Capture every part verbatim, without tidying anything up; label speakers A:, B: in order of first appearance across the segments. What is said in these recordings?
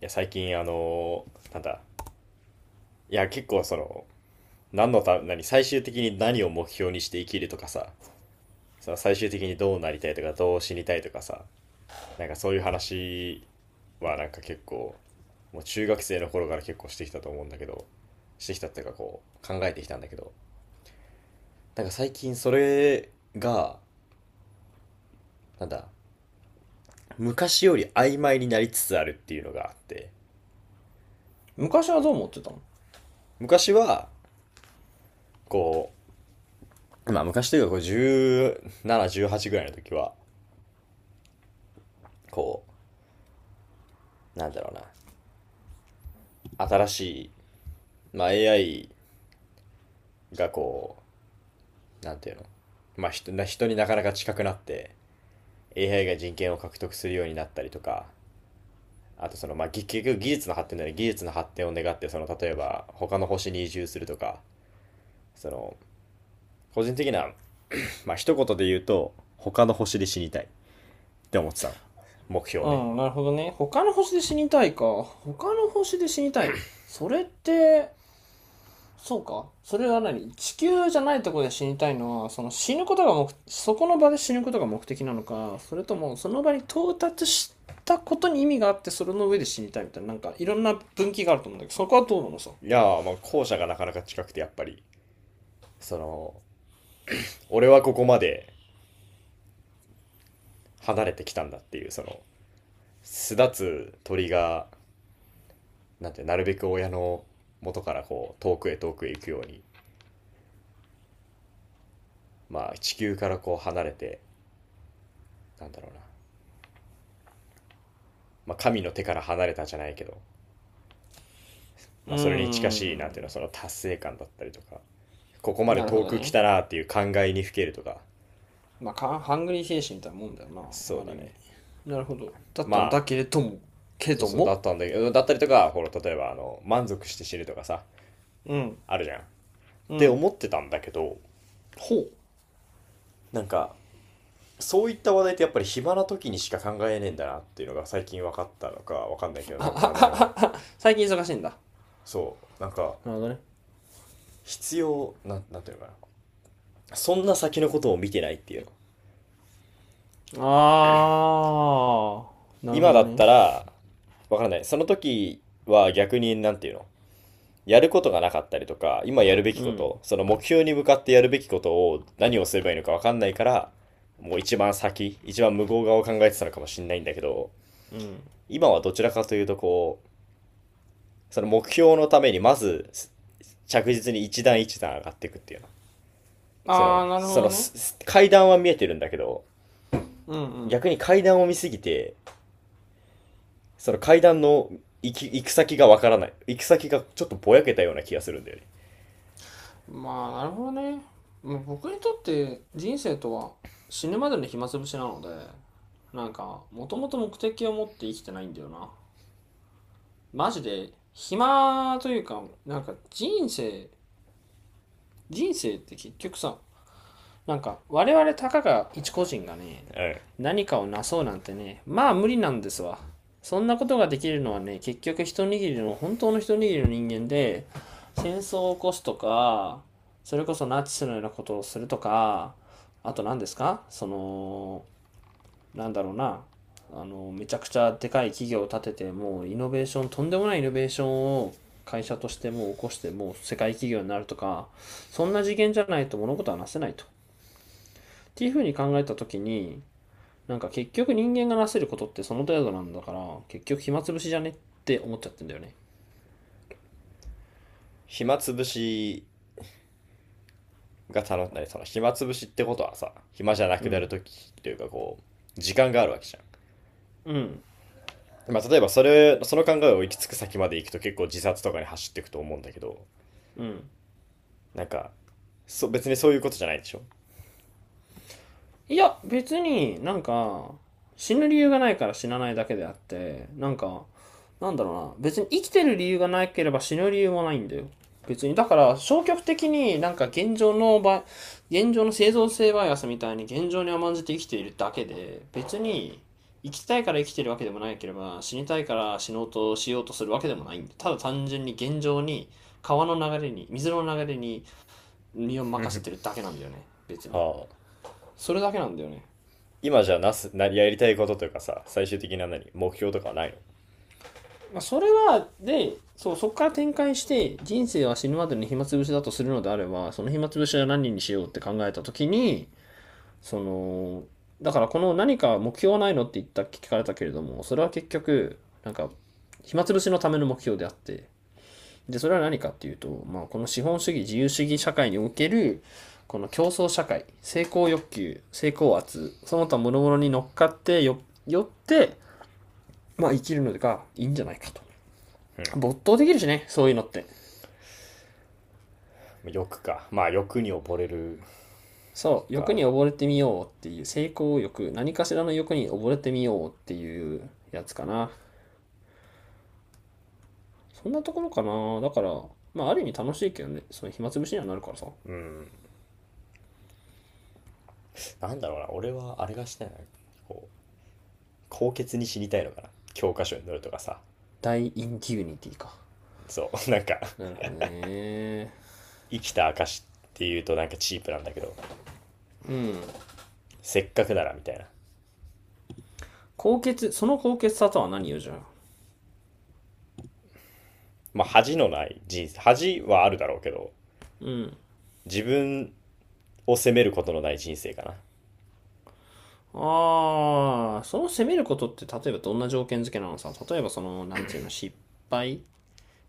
A: や、最近、あのなんだ、いや、結構その、何のた、何、最終的に何を目標にして生きるとかさ、その最終的にどうなりたいとか、どう死にたいとかさ、なんかそういう話はなんか結構、もう中学生の頃から結構してきたと思うんだけど、してきたっていうかこう、考えてきたんだけど、なんか最近それが、なんだ、昔より曖昧になりつつあるっていうのがあって、
B: 昔はどう思ってたの？
A: 昔は、こう、まあ昔というかこうじゅうなな、じゅうはちぐらいの時は、こうなんだろうな新しい、まあ、エーアイ がこうなんていうの、まあ、人な人になかなか近くなって エーアイ が人権を獲得するようになったりとか、あとその、まあ、結局技術の発展だね。技術の発展を願って、その例えば他の星に移住するとか、その個人的な、まあ一言で言うと他の星で死にたいって思ってたの。目
B: う
A: 標ね。
B: ん、なるほどね。他の星で死にたいか。他の星で死にたい。それって、そうか。それは何地球じゃないところで死にたいのは、その死ぬことが目、そこの場で死ぬことが目的なのか、それともその場に到達したことに意味があって、それの上で死にたいみたいな、なんかいろんな分岐があると思うんだけど、そこはどうなのさ。
A: いやー、まあ後者がなかなか近くて、やっぱりその、俺はここまで離れてきたんだっていうその、巣立つ鳥がなんて、なるべく親の元からこう遠くへ遠くへ行くように、まあ、地球からこう離れて、なんだろうな、まあ、神の手から離れたじゃないけど、
B: う
A: ま
B: ー
A: あ、それに近しい、なんていうの
B: ん、
A: その達成感だったりとか、ここまで
B: なるほ
A: 遠
B: ど
A: く来
B: ね。
A: たなっていう感慨にふけるとか。
B: まあか、ハングリー精神みたいなもんだよ
A: そ
B: な、
A: う
B: あ
A: だ
B: る意味。
A: ね。
B: なるほど。だっ
A: ま
B: たんだ
A: あ
B: けれども、けれ
A: そう
B: ど
A: そうだ
B: も、
A: ったんだけど、だったりとか、ほら例えばあの、満足して死ぬとかさ、
B: うん。
A: あるじゃんっ
B: う
A: て
B: ん。
A: 思ってたんだけど、
B: ほう。
A: なんかそういった話題ってやっぱり暇な時にしか考えねえんだなっていうのが最近分かったのか分かんないけど、なんかあの
B: 最近忙しいんだ。
A: そう、なんか
B: なるほどね。
A: 必要なん、なんていうのかなそんな先のことを見てないっていうの。
B: あー、なる
A: 今
B: ほ
A: だ
B: ど
A: っ
B: ね。
A: たら分からない。その時は逆に、なんていうのやることがなかったりとか、今やるべき
B: う
A: こ
B: ん。
A: と、その目標に向かってやるべきことを何をすればいいのか分かんないから、もう一番先、一番向こう側を考えてたのかもしれないんだけど、
B: うん。
A: 今はどちらかというとこう、その目標のためにまず着実に一段一段上がっていくっていうの。そ
B: あ
A: の、
B: あ、なる
A: そ
B: ほど
A: の、
B: ね。
A: 階段は見えてるんだけど、
B: うん
A: 逆に階段を見すぎて、その階段の行き、行く先がわからない。行く先がちょっとぼやけたような気がするんだよね。
B: うん。まあ、なるほどね。まあ僕にとって人生とは死ぬまでの暇つぶしなので、なんか、もともと目的を持って生きてないんだよな。マジで、暇というか、なんか人生、人生って結局さ、なんか我々たかが一個人がね、
A: うん。
B: 何かをなそうなんてね、まあ無理なんですわ。そんなことができるのはね、結局一握りの、本当の一握りの人間で、戦争を起こすとか、それこそナチスのようなことをするとか、あと何ですか、そのなんだろうなあのめちゃくちゃでかい企業を立てて、もうイノベーションとんでもないイノベーションを会社としてもう起こして、もう世界企業になるとか、そんな次元じゃないと物事はなせないと、っていうふうに考えた時に、なんか結局人間がなせることってその程度なんだから、結局暇つぶしじゃねって思っちゃってんだよね。
A: 暇つぶしが楽しい。その暇つぶしってことはさ、暇じゃな
B: う
A: くな
B: ん
A: るときというかこう、時間があるわけじゃ
B: うん
A: ん。まあ、例えばそれ、その考えを行き着く先まで行くと結構自殺とかに走っていくと思うんだけど、
B: うん。
A: なんか、そ別にそういうことじゃないでしょ。
B: いや、別になんか、死ぬ理由がないから死なないだけであって、なんか、なんだろうな、別に生きてる理由がなければ死ぬ理由もないんだよ。別に、だから消極的になんか現状の場合、現状の生存性バイアスみたいに現状に甘んじて生きているだけで、別に生きたいから生きてるわけでもないければ、死にたいから死のうとしようとするわけでもないんで、ただ単純に現状に川の流れに、水の流れに身を任せてるだけなんだよね、別に。
A: はあ。
B: それだけなんだよね。
A: 今じゃなす、な、やりたいことというかさ、最終的な何、目標とかはないの？
B: まあ、それは、で、そう、そこから展開して、人生は死ぬまでの暇つぶしだとするのであれば、その暇つぶしは何にしようって考えたときに、その、だからこの何か目標はないのって言った、聞かれたけれども、それは結局、なんか、暇つぶしのための目標であって、で、それは何かっていうと、まあ、この資本主義、自由主義社会における、この競争社会、成功欲求、成功圧、その他諸々に乗っかってよ、よって、まあ、生きるのがいいんじゃないかと。没頭できるしね、そういうのって。
A: 欲か。まあ欲に溺れる
B: そう、欲
A: か。
B: に溺れてみようっていう、成功欲、何かしらの欲に溺れてみようっていうやつかな。そんなところかな。だから、まあ、ある意味楽しいけどね、その暇つぶしにはなるからさ。
A: なんだろうな、俺はあれがしたいな。こう、高潔に死にたいのかな。教科書に載るとかさ。
B: 大インデュニティか。
A: そう、なんか、
B: なるほどね。
A: 生きた証っていうとなんかチープなんだけど、
B: うん。
A: せっかくならみたいな。
B: 高潔、その高潔さとは何よ、じゃあ。
A: まあ恥のない人生、恥はあるだろうけど、
B: うん。
A: 自分を責めることのない人生かな。
B: ああ、その責めることって例えばどんな条件付けなのさ。例えばその、なんていうの、失敗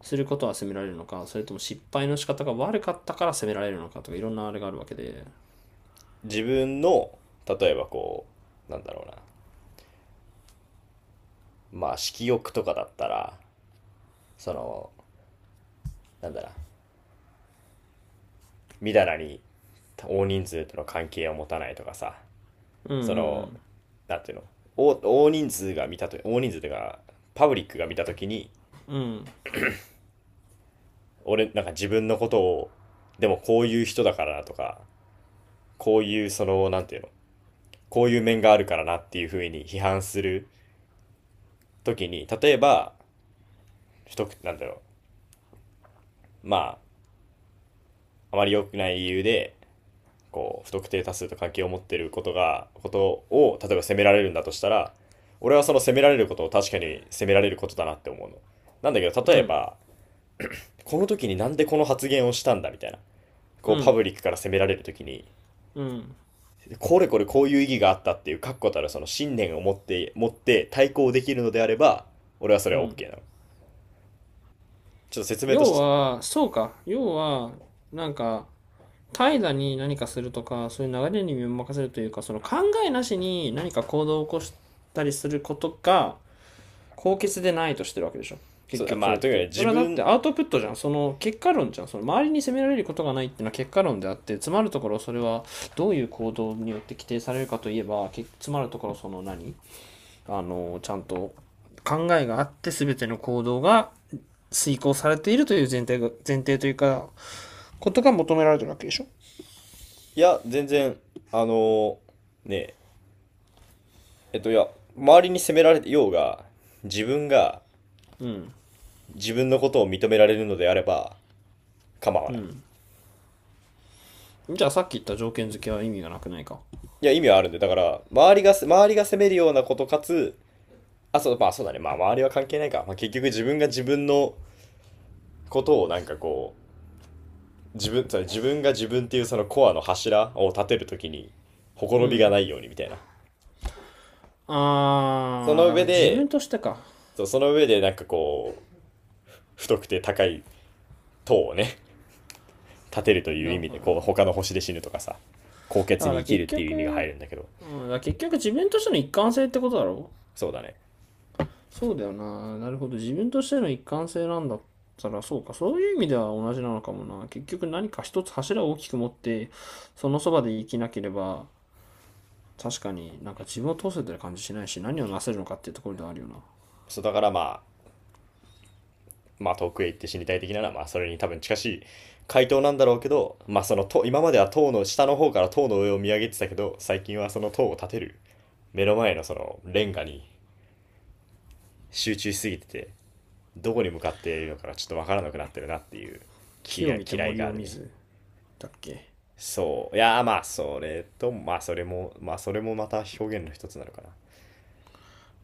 B: することは責められるのか、それとも失敗の仕方が悪かったから責められるのかとかいろんなあれがあるわけで。
A: 自分の、例えばこう、なんだろうな。まあ、色欲とかだったら、その、なんだろう、みだらに大人数との関係を持たないとかさ、
B: うんう
A: そ
B: んう
A: の、
B: ん。
A: なんていうの、大大人数が見たと、大人数というか、パブリックが見たときに、俺、なんか自分のことを、でもこういう人だからなとか、こういうその、なんていうの、こういう面があるからなっていうふうに批判するときに、例えば、不くなんだろう、まあ、あまり良くない理由で、こう不特定多数と関係を持っていることがことを例えば責められるんだとしたら、俺はその責められることを確かに責められることだなって思うの。なんだけど、
B: う
A: 例え
B: ん
A: ばこの時になんでこの発言をしたんだみたいな、
B: う
A: こうパ
B: ん
A: ブリックから責められる時に、
B: うん
A: これこれこういう意義があったっていう確固たるその信念を持って持って対抗できるのであれば、俺はそれ
B: う
A: は
B: ん。
A: OK なの。ちょっと説明と
B: 要
A: して、
B: は、そうか。要は、なんか、怠惰に何かするとか、そういう流れに身を任せるというか、その考えなしに何か行動を起こしたりすることが、高潔でないとしてるわけでしょ。結局そ
A: ま
B: れ
A: あ
B: っ
A: とにかく
B: て。
A: ね、
B: そ
A: 自
B: れはだって
A: 分、
B: アウトプットじゃん。その結果論じゃん。その周りに責められることがないっていうのは結果論であって、詰まるところそれはどういう行動によって規定されるかといえば、詰まるところその何あの、ちゃんと考えがあって全ての行動が遂行されているという前提が、前提というか、ことが求められてるわけでしょ。
A: いや全然、あのねえっと、いや、周りに責められてようが、自分が
B: うん。
A: 自分のことを認められるのであれば構わ
B: う
A: ない。
B: ん。じゃあさっき言った条件付けは意味がなくないか。
A: いや、意味はあるんで、だから、周りが、周りが責めるようなことかつ、あ、そう、まあそうだね、まあ周りは関係ないか。まあ結局自分が自分のことをなんかこう、自分、自分が自分っていうそのコアの柱を立てるときに、ほこ
B: う
A: ろびが
B: ん。
A: ないようにみたいな。そ
B: あー、
A: の
B: だか
A: 上
B: ら自
A: で、
B: 分としてか。
A: そう、その上でなんかこう、太くて高い塔をね、立てるという
B: だ
A: 意味
B: か
A: で、
B: ら、
A: こう、他の星で死ぬとかさ、高
B: だ
A: 血
B: か
A: に
B: ら
A: 生きる
B: 結
A: っていう意味が入
B: 局、
A: るんだけど、
B: うん、だから結局自分としての一貫性ってことだろ？
A: そうだね。
B: そうだよな。なるほど。自分としての一貫性なんだったら、そうか。そういう意味では同じなのかもな。結局何か一つ柱を大きく持って、そのそばで生きなければ、確かになんか自分を通せてる感じしないし、何をなせるのかっていうところではあるよな。
A: そうだからまあ、まあ遠くへ行って死にたい的なのは、まあそれに多分近しい回答なんだろうけど、まあその塔、今までは塔の下の方から塔の上を見上げてたけど、最近はその塔を立てる目の前のそのレンガに集中しすぎてて、どこに向かっているのかがちょっとわからなくなってるなっていう気
B: 木を
A: が
B: 見て
A: 嫌い
B: 森
A: があ
B: を
A: る
B: 見
A: ね。
B: ず、だっけ。
A: そう。いやまあそれと、まあそれも、まあそれもまた表現の一つなのかな。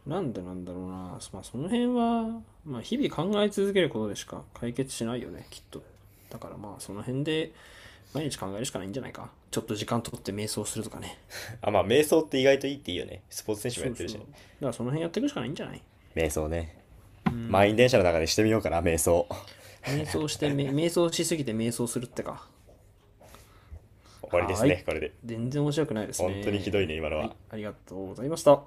B: なんでなんだろうな。まあその辺は、まあ日々考え続けることでしか解決しないよね、きっと。だからまあその辺で毎日考えるしかないんじゃないか。ちょっと時間取って瞑想するとかね。
A: あ、まあ、瞑想って意外といいっていいよね。スポーツ選手も
B: そ
A: やっ
B: う
A: てる
B: そ
A: し
B: う。だ
A: ね。
B: からその辺やっていくしかないんじゃない？
A: 瞑想ね。満員電車の中でしてみようかな、瞑想。
B: 瞑想して、め瞑想しすぎて瞑想するってか。
A: 終わりで
B: は
A: す
B: ーい。
A: ね、これで。
B: 全然面白くないです
A: 本当にひどい
B: ね。
A: ね、今の
B: はい。
A: は。
B: ありがとうございました。